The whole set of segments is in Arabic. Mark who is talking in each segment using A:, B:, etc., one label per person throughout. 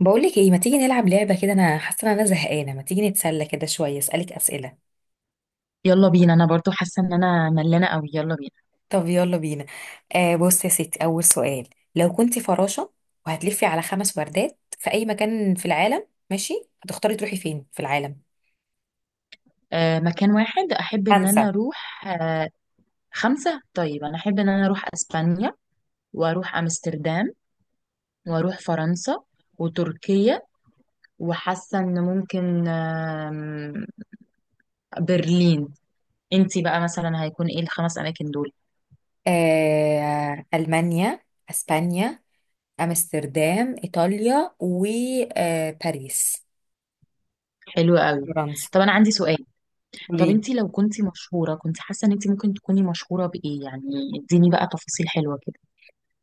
A: بقولك ايه، ما تيجي نلعب لعبة كده؟ انا حاسة ان انا زهقانة، ما تيجي نتسلى كده شوية اسألك اسئلة؟
B: يلا بينا، انا برضو حاسه ان انا ملانه قوي. يلا بينا.
A: طب يلا بينا. بص يا ستي، اول سؤال. لو كنتي فراشة وهتلفي على خمس وردات في اي مكان في العالم، ماشي، هتختاري تروحي فين في العالم؟
B: مكان واحد احب ان انا
A: فرنسا.
B: اروح خمسه. طيب انا احب ان انا اروح اسبانيا، واروح امستردام، واروح فرنسا، وتركيا، وحاسه ان ممكن برلين. انتي بقى مثلا هيكون ايه الخمس اماكن دول؟
A: المانيا، اسبانيا، امستردام، ايطاليا وباريس.
B: حلو قوي.
A: فرنسا.
B: طب انا عندي سؤال. طب
A: قوليلي.
B: انتي لو كنتي مشهوره، كنت حاسه ان انتي ممكن تكوني مشهوره بايه يعني؟ اديني بقى تفاصيل حلوه كده.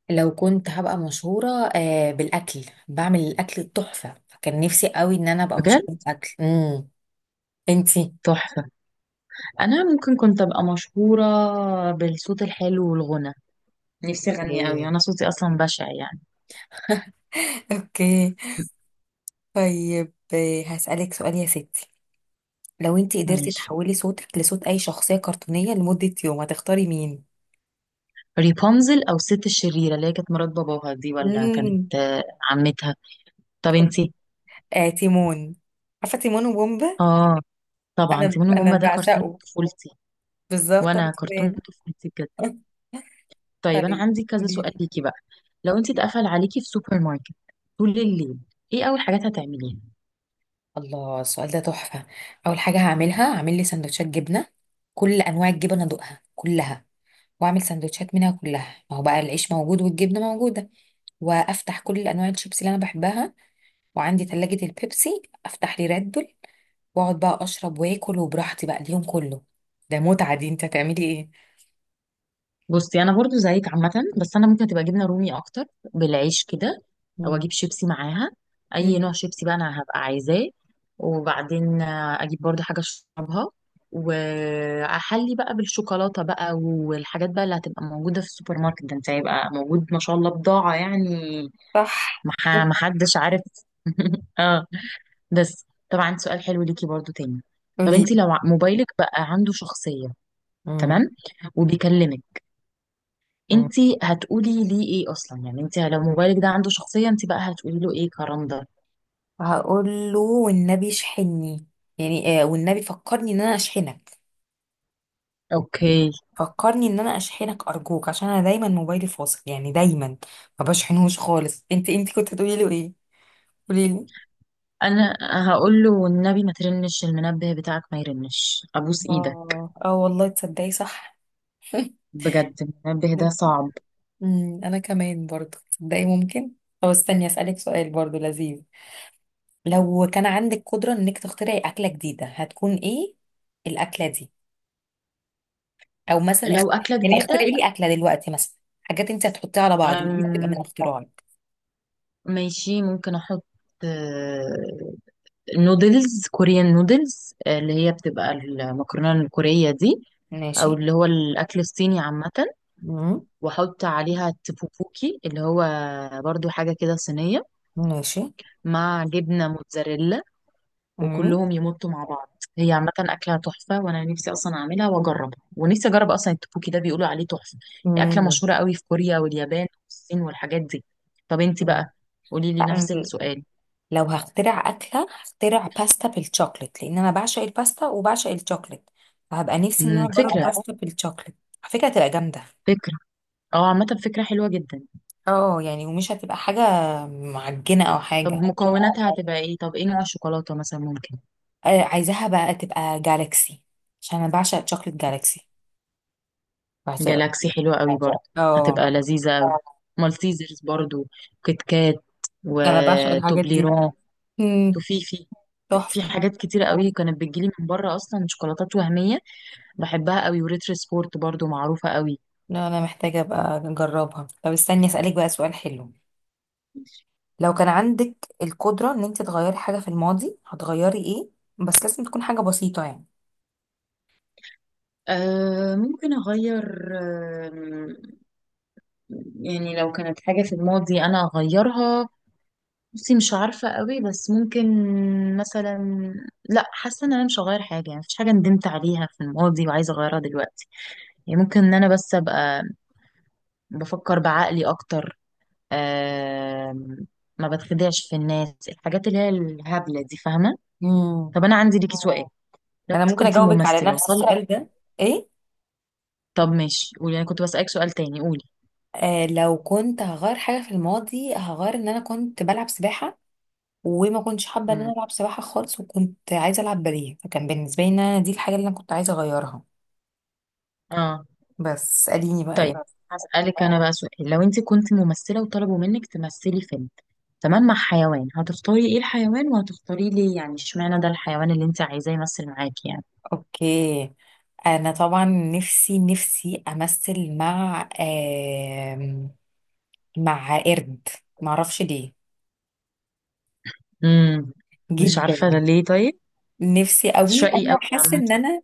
A: لو كنت هبقى مشهورة، بالأكل، بعمل الأكل التحفة، فكان نفسي قوي إن أنا أبقى مشهورة
B: بجد.
A: بالأكل. أنتي
B: تحفه. انا ممكن كنت ابقى مشهوره بالصوت الحلو والغنى. نفسي اغني قوي،
A: ايه.
B: انا صوتي اصلا بشع يعني.
A: اوكي. طيب، هسألك سؤال يا ستي. لو انت قدرتي
B: ماشي.
A: تحولي صوتك لصوت اي شخصية كرتونية لمدة يوم هتختاري مين؟
B: ريبونزل، او الست الشريره اللي هي كانت مرات باباها دي، ولا كانت
A: امم
B: عمتها. طب انتي؟
A: تيمون. عارفة تيمون وبومبا؟
B: اه. طبعا،
A: انا
B: تيمون وبومبا
A: انا
B: ده كرتون
A: بعشقه.
B: طفولتي.
A: بالظبط انا
B: وانا كرتون
A: كمان.
B: طفولتي بجد. طيب، انا
A: طيب،
B: عندي كذا سؤال
A: قوليلي.
B: ليكي بقى. لو انتي اتقفل عليكي في سوبر ماركت طول الليل، ايه اول حاجات هتعمليها؟
A: الله، السؤال ده تحفة. أول حاجة هعملها هعمل لي سندوتشات جبنة، كل أنواع الجبن أدوقها كلها وأعمل سندوتشات منها كلها، ما هو بقى العيش موجود والجبنة موجودة، وأفتح كل أنواع الشيبس اللي أنا بحبها، وعندي تلاجة البيبسي أفتح لي راد بول، وأقعد بقى أشرب وآكل وبراحتي بقى اليوم كله. ده متعة دي. أنت هتعملي إيه؟
B: بصي، انا برضو زيك عامه. بس انا ممكن تبقى جبنه رومي اكتر، بالعيش كده. او
A: مم.
B: اجيب شيبسي معاها. اي
A: مم.
B: نوع شيبسي بقى انا هبقى عايزاه. وبعدين اجيب برضو حاجه اشربها. واحلي بقى بالشوكولاته بقى، والحاجات بقى اللي هتبقى موجوده في السوبر ماركت ده. انت هيبقى موجود ما شاء الله، بضاعه يعني.
A: صح.
B: ما حدش عارف. اه. بس طبعا عندي سؤال حلو ليكي برضو تاني. طب
A: قولي.
B: انت لو موبايلك بقى عنده شخصيه.
A: مم.
B: تمام. وبيكلمك.
A: مم.
B: انتي هتقولي ليه ايه اصلا يعني؟ انتي لو موبايلك ده عنده شخصية، انتي بقى هتقولي له ايه كرم ده؟
A: هقول له والنبي اشحني، يعني والنبي فكرني إن أنا أشحنك.
B: اوكي.
A: فكرني ان انا اشحنك ارجوك عشان انا دايما موبايلي فاصل، يعني دايما ما بشحنهوش خالص. انت كنت هتقولي له ايه؟ قولي لي.
B: انا هقول له والنبي ما ترنش المنبه بتاعك ما يرنش، ابوس ايدك.
A: اه، اه، والله تصدقي صح.
B: بجد المنبه ده صعب.
A: انا كمان برضو تصدقي ممكن. طب استني اسالك سؤال برضو لذيذ. لو كان عندك قدرة انك تخترعي اكلة جديدة، هتكون ايه الاكلة دي؟ او مثلا
B: لو اكلة
A: يعني
B: جديدة.
A: اخترعي لي اكلة دلوقتي، مثلا حاجات انت هتحطيها على بعض ودي بتبقى
B: أم
A: من اختراعك.
B: ماشي، ممكن احط نودلز كوريان نودلز اللي هي بتبقى المكرونة الكورية دي. او
A: ماشي.
B: اللي هو الاكل الصيني عامة.
A: امم
B: واحط عليها تبوبوكي، اللي هو برضو حاجة كده صينية.
A: ماشي.
B: مع جبنة موتزاريلا.
A: امم
B: وكلهم يمطوا مع بعض. هي عامة أكلة تحفة، وأنا نفسي أصلا أعملها وأجربها، ونفسي أجرب أصلا التبوكي ده بيقولوا عليه تحفة. هي أكلة
A: امم
B: مشهورة قوي في كوريا واليابان والصين والحاجات دي. طب أنت بقى، قولي لي
A: أم،
B: نفس السؤال.
A: لو هخترع أكلة هخترع باستا بالشوكليت، لأن أنا بعشق الباستا وبعشق الشوكليت، فهبقى نفسي إن أنا أجرب
B: فكرة.
A: باستا بالشوكليت. على فكرة هتبقى جامدة.
B: فكرة. اه، عامة فكرة حلوة جدا.
A: اه يعني، ومش هتبقى حاجة معجنة أو
B: طب
A: حاجة.
B: مكوناتها هتبقى ايه؟ طب ايه نوع الشوكولاتة مثلا ممكن؟
A: عايزاها بقى تبقى جالاكسي عشان أنا بعشق شوكليت جالاكسي. بعشقه أوي.
B: جالاكسي حلوة قوي برضه.
A: اه.
B: هتبقى لذيذة قوي. مالتيزرز برضه. كيت كات.
A: أنا بعشق الحاجات دي.
B: وتوبليرون.
A: مم،
B: وفي في في
A: تحفة.
B: حاجات كتيرة قوي كانت بتجيلي من بره، اصلا شوكولاتات وهمية. بحبها قوي، وريتر سبورت برضو معروفة قوي.
A: لا، أنا محتاجة أبقى أجربها. طب استني أسألك بقى سؤال حلو. لو كان عندك القدرة ان انت تغيري حاجة في الماضي هتغيري ايه؟ بس لازم تكون حاجة بسيطة يعني.
B: أه، ممكن اغير. آم، يعني لو كانت حاجة في الماضي انا اغيرها، بصي مش عارفة قوي، بس ممكن مثلا. لا، حاسة ان انا مش هغير حاجة يعني. مفيش حاجة ندمت عليها في الماضي وعايزة اغيرها دلوقتي. يعني ممكن ان انا بس ابقى بفكر بعقلي اكتر. أه. ما بتخدعش في الناس، الحاجات اللي هي الهبلة دي، فاهمة؟
A: امم
B: طب انا عندي ليكي سؤال. اه. لو
A: انا
B: انت
A: ممكن
B: كنت
A: اجاوبك على
B: ممثله
A: نفس
B: وطلع.
A: السؤال ده. ايه.
B: طب ماشي، قولي. انا كنت بسالك سؤال تاني، قولي.
A: لو كنت هغير حاجة في الماضي هغير ان انا كنت بلعب سباحة، وما كنتش حابة ان انا
B: امم.
A: العب سباحة خالص، وكنت عايزة العب باليه، فكان بالنسبة لي ان أنا دي الحاجة اللي انا كنت عايزة اغيرها.
B: اه.
A: بس اسأليني بقى
B: طيب.
A: ايه.
B: هسالك انا بقى سؤال، لو انت كنت ممثله وطلبوا منك تمثلي فيلم، تمام، مع حيوان، هتختاري ايه الحيوان وهتختاري ليه يعني؟ اشمعنى ده الحيوان اللي انت عايزاه يمثل معاكي يعني؟
A: اوكي. انا طبعا نفسي نفسي امثل مع مع قرد. معرفش ليه،
B: امم. مش عارفه ده
A: جدا
B: ليه، طيب.
A: نفسي قوي.
B: شقي
A: انا
B: قوي
A: حاسه
B: عامه.
A: ان انا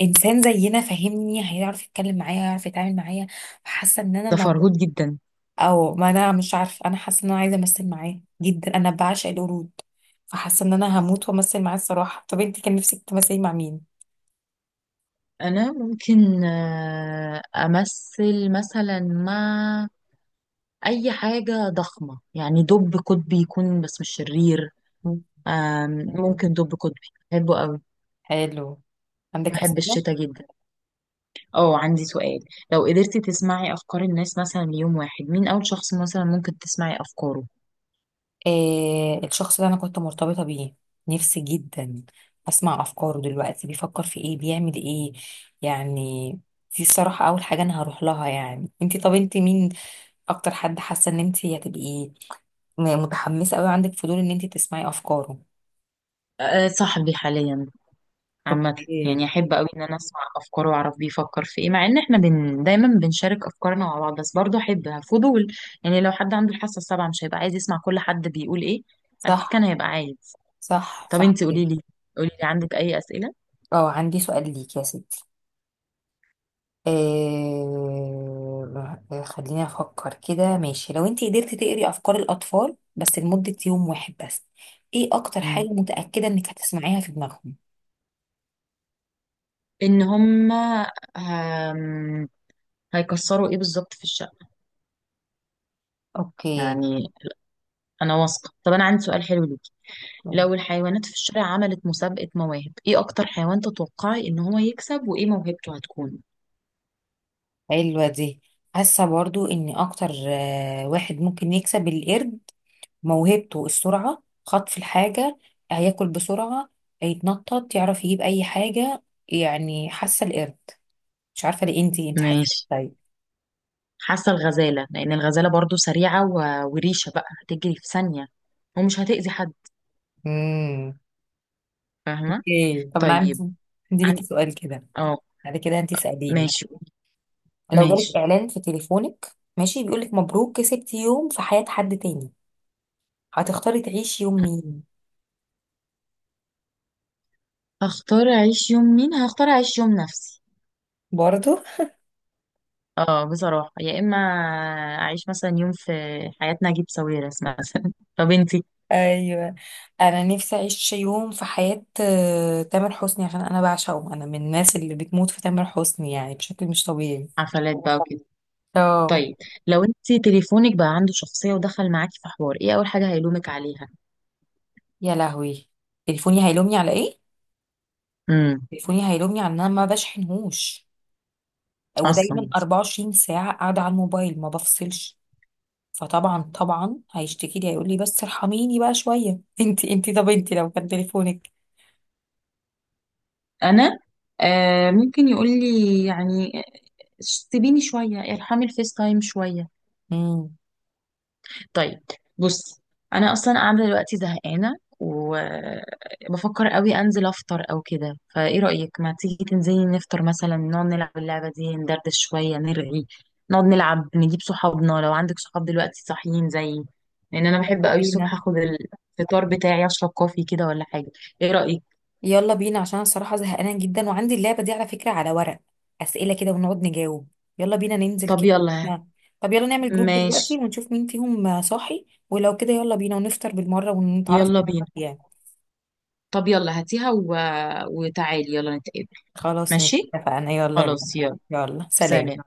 A: انسان زينا فاهمني، هيعرف يتكلم معايا، هيعرف يتعامل معايا. حاسه ان انا
B: ده
A: الموضوع،
B: فرهود جدا.
A: او ما انا مش عارفه، انا حاسه ان انا عايزه امثل معاه جدا، انا بعشق القرود. فحاسه ان انا هموت وامثل معاه الصراحه. طب انت كان نفسك تمثلي مع مين؟
B: انا ممكن امثل مثلا مع اي حاجه ضخمه يعني، دب قطبي يكون، بس مش شرير.
A: مم.
B: ممكن دب قطبي. بحبه قوي.
A: حلو. عندك
B: بحب
A: اسئله؟
B: الشتاء جدا. اه، عندي سؤال. لو قدرتي تسمعي افكار الناس مثلا ليوم واحد، مين اول شخص مثلا ممكن تسمعي افكاره؟
A: الشخص اللي انا كنت مرتبطة بيه، نفسي جدا اسمع افكاره دلوقتي بيفكر في ايه بيعمل ايه يعني. دي الصراحة اول حاجة انا هروح لها يعني. انتي، طب انتي مين اكتر حد حاسة ان انتي هتبقي متحمسة قوي، عندك فضول ان انتي تسمعي افكاره؟
B: أه، صاحبي حاليا. عامة.
A: اوكي.
B: يعني أحب أوي إن أنا أسمع أفكاره وأعرف بيفكر في إيه، مع إن إحنا دايما بنشارك أفكارنا مع بعض، بس برضه أحب فضول. يعني لو حد عنده الحاسة السابعة، مش هيبقى عايز يسمع كل حد بيقول إيه؟ أكيد كان
A: صح،
B: هيبقى عايز.
A: صح،
B: طب
A: صح
B: أنتي،
A: كده.
B: قوليلي. قوليلي، عندك أي أسئلة؟
A: اه عندي سؤال ليك يا ستي. خليني افكر كده. ماشي، لو انت قدرتي تقري افكار الاطفال بس لمدة يوم واحد بس، ايه اكتر حاجة
B: مم.
A: متأكدة انك هتسمعيها في دماغهم؟
B: ان هم هم- هيكسروا ايه بالظبط في الشقه؟
A: اوكي.
B: يعني. انا واثقه. طب انا عندي سؤال حلو ليكي. لو الحيوانات في الشارع عملت مسابقه مواهب، ايه اكتر حيوان تتوقعي ان هو يكسب، وايه موهبته هتكون؟
A: حلوة دي. حاسة برضو ان اكتر واحد ممكن يكسب القرد. موهبته السرعة، خطف الحاجة، هياكل بسرعة، هيتنطط، يعرف يجيب اي حاجة. يعني حاسة القرد، مش عارفة ليه. انت، انت حاسة؟
B: ماشي. حاسه الغزاله، لان الغزاله برضو سريعه وريشه بقى هتجري في ثانيه. ومش هتأذي حد.
A: طيب.
B: فاهمه.
A: ايه، طب انا
B: طيب.
A: عندي
B: عن...
A: ليكي سؤال كده،
B: اه.
A: بعد كده انت اساليني.
B: ماشي،
A: لو جالك
B: ماشي.
A: اعلان في تليفونك، ماشي، بيقولك مبروك كسبتي يوم في حياة حد تاني، هتختاري تعيشي يوم مين؟
B: هختار اعيش يوم مين؟ هختار اعيش يوم نفسي.
A: برضه.
B: اه، بصراحة، يا إما أعيش مثلا يوم في حياة نجيب ساويرس مثلا. طب انتي؟
A: ايوه. انا نفسي اعيش يوم في حياة تامر حسني عشان انا بعشقه، انا من الناس اللي بتموت في تامر حسني يعني بشكل مش طبيعي.
B: حفلات بقى وكده.
A: اه.
B: طيب، لو انتي تليفونك بقى عنده شخصية ودخل معاكي في حوار، ايه أول حاجة هيلومك عليها؟
A: يا لهوي، تليفوني هيلومني على ايه؟
B: امم.
A: تليفوني هيلومني على ان انا ما بشحنهوش ودايما
B: أصلا.
A: 24 ساعة قاعدة على الموبايل ما بفصلش. فطبعا طبعا هيشتكي لي هيقول لي بس ارحميني بقى شويه. انت انت طب انت لو كان تليفونك.
B: أنا. ممكن يقول لي يعني سيبيني شوية، ارحمي الفيس تايم شوية.
A: امم
B: طيب. بص. انا اصلا قاعده دلوقتي زهقانه وبفكر قوي انزل افطر او كده، فايه رايك، ما تيجي تنزلي نفطر مثلا، نقعد نلعب اللعبه دي، ندردش شويه، نرغي. نقعد نلعب، نجيب صحابنا لو عندك صحاب دلوقتي صاحيين زيي. لان انا بحب
A: يلا
B: قوي الصبح
A: بينا.
B: اخد الفطار بتاعي، اشرب كوفي كده ولا حاجه. ايه رايك؟
A: يلا بينا عشان أنا الصراحه زهقانه جدا وعندي اللعبه دي على فكره على ورق، اسئله كده ونقعد نجاوب. يلا بينا ننزل
B: طب
A: كده.
B: يلا.
A: نعم. طب يلا نعمل جروب دلوقتي
B: ماشي.
A: ونشوف مين فيهم صاحي ولو كده يلا بينا ونفطر بالمره ونتعرف
B: يلا بينا.
A: يعني.
B: طب يلا هاتيها وتعالي يلا نتقابل.
A: خلاص ماشي،
B: ماشي.
A: اتفقنا، يلا بينا.
B: خلاص يلا.
A: يلا، سلام.
B: سلام.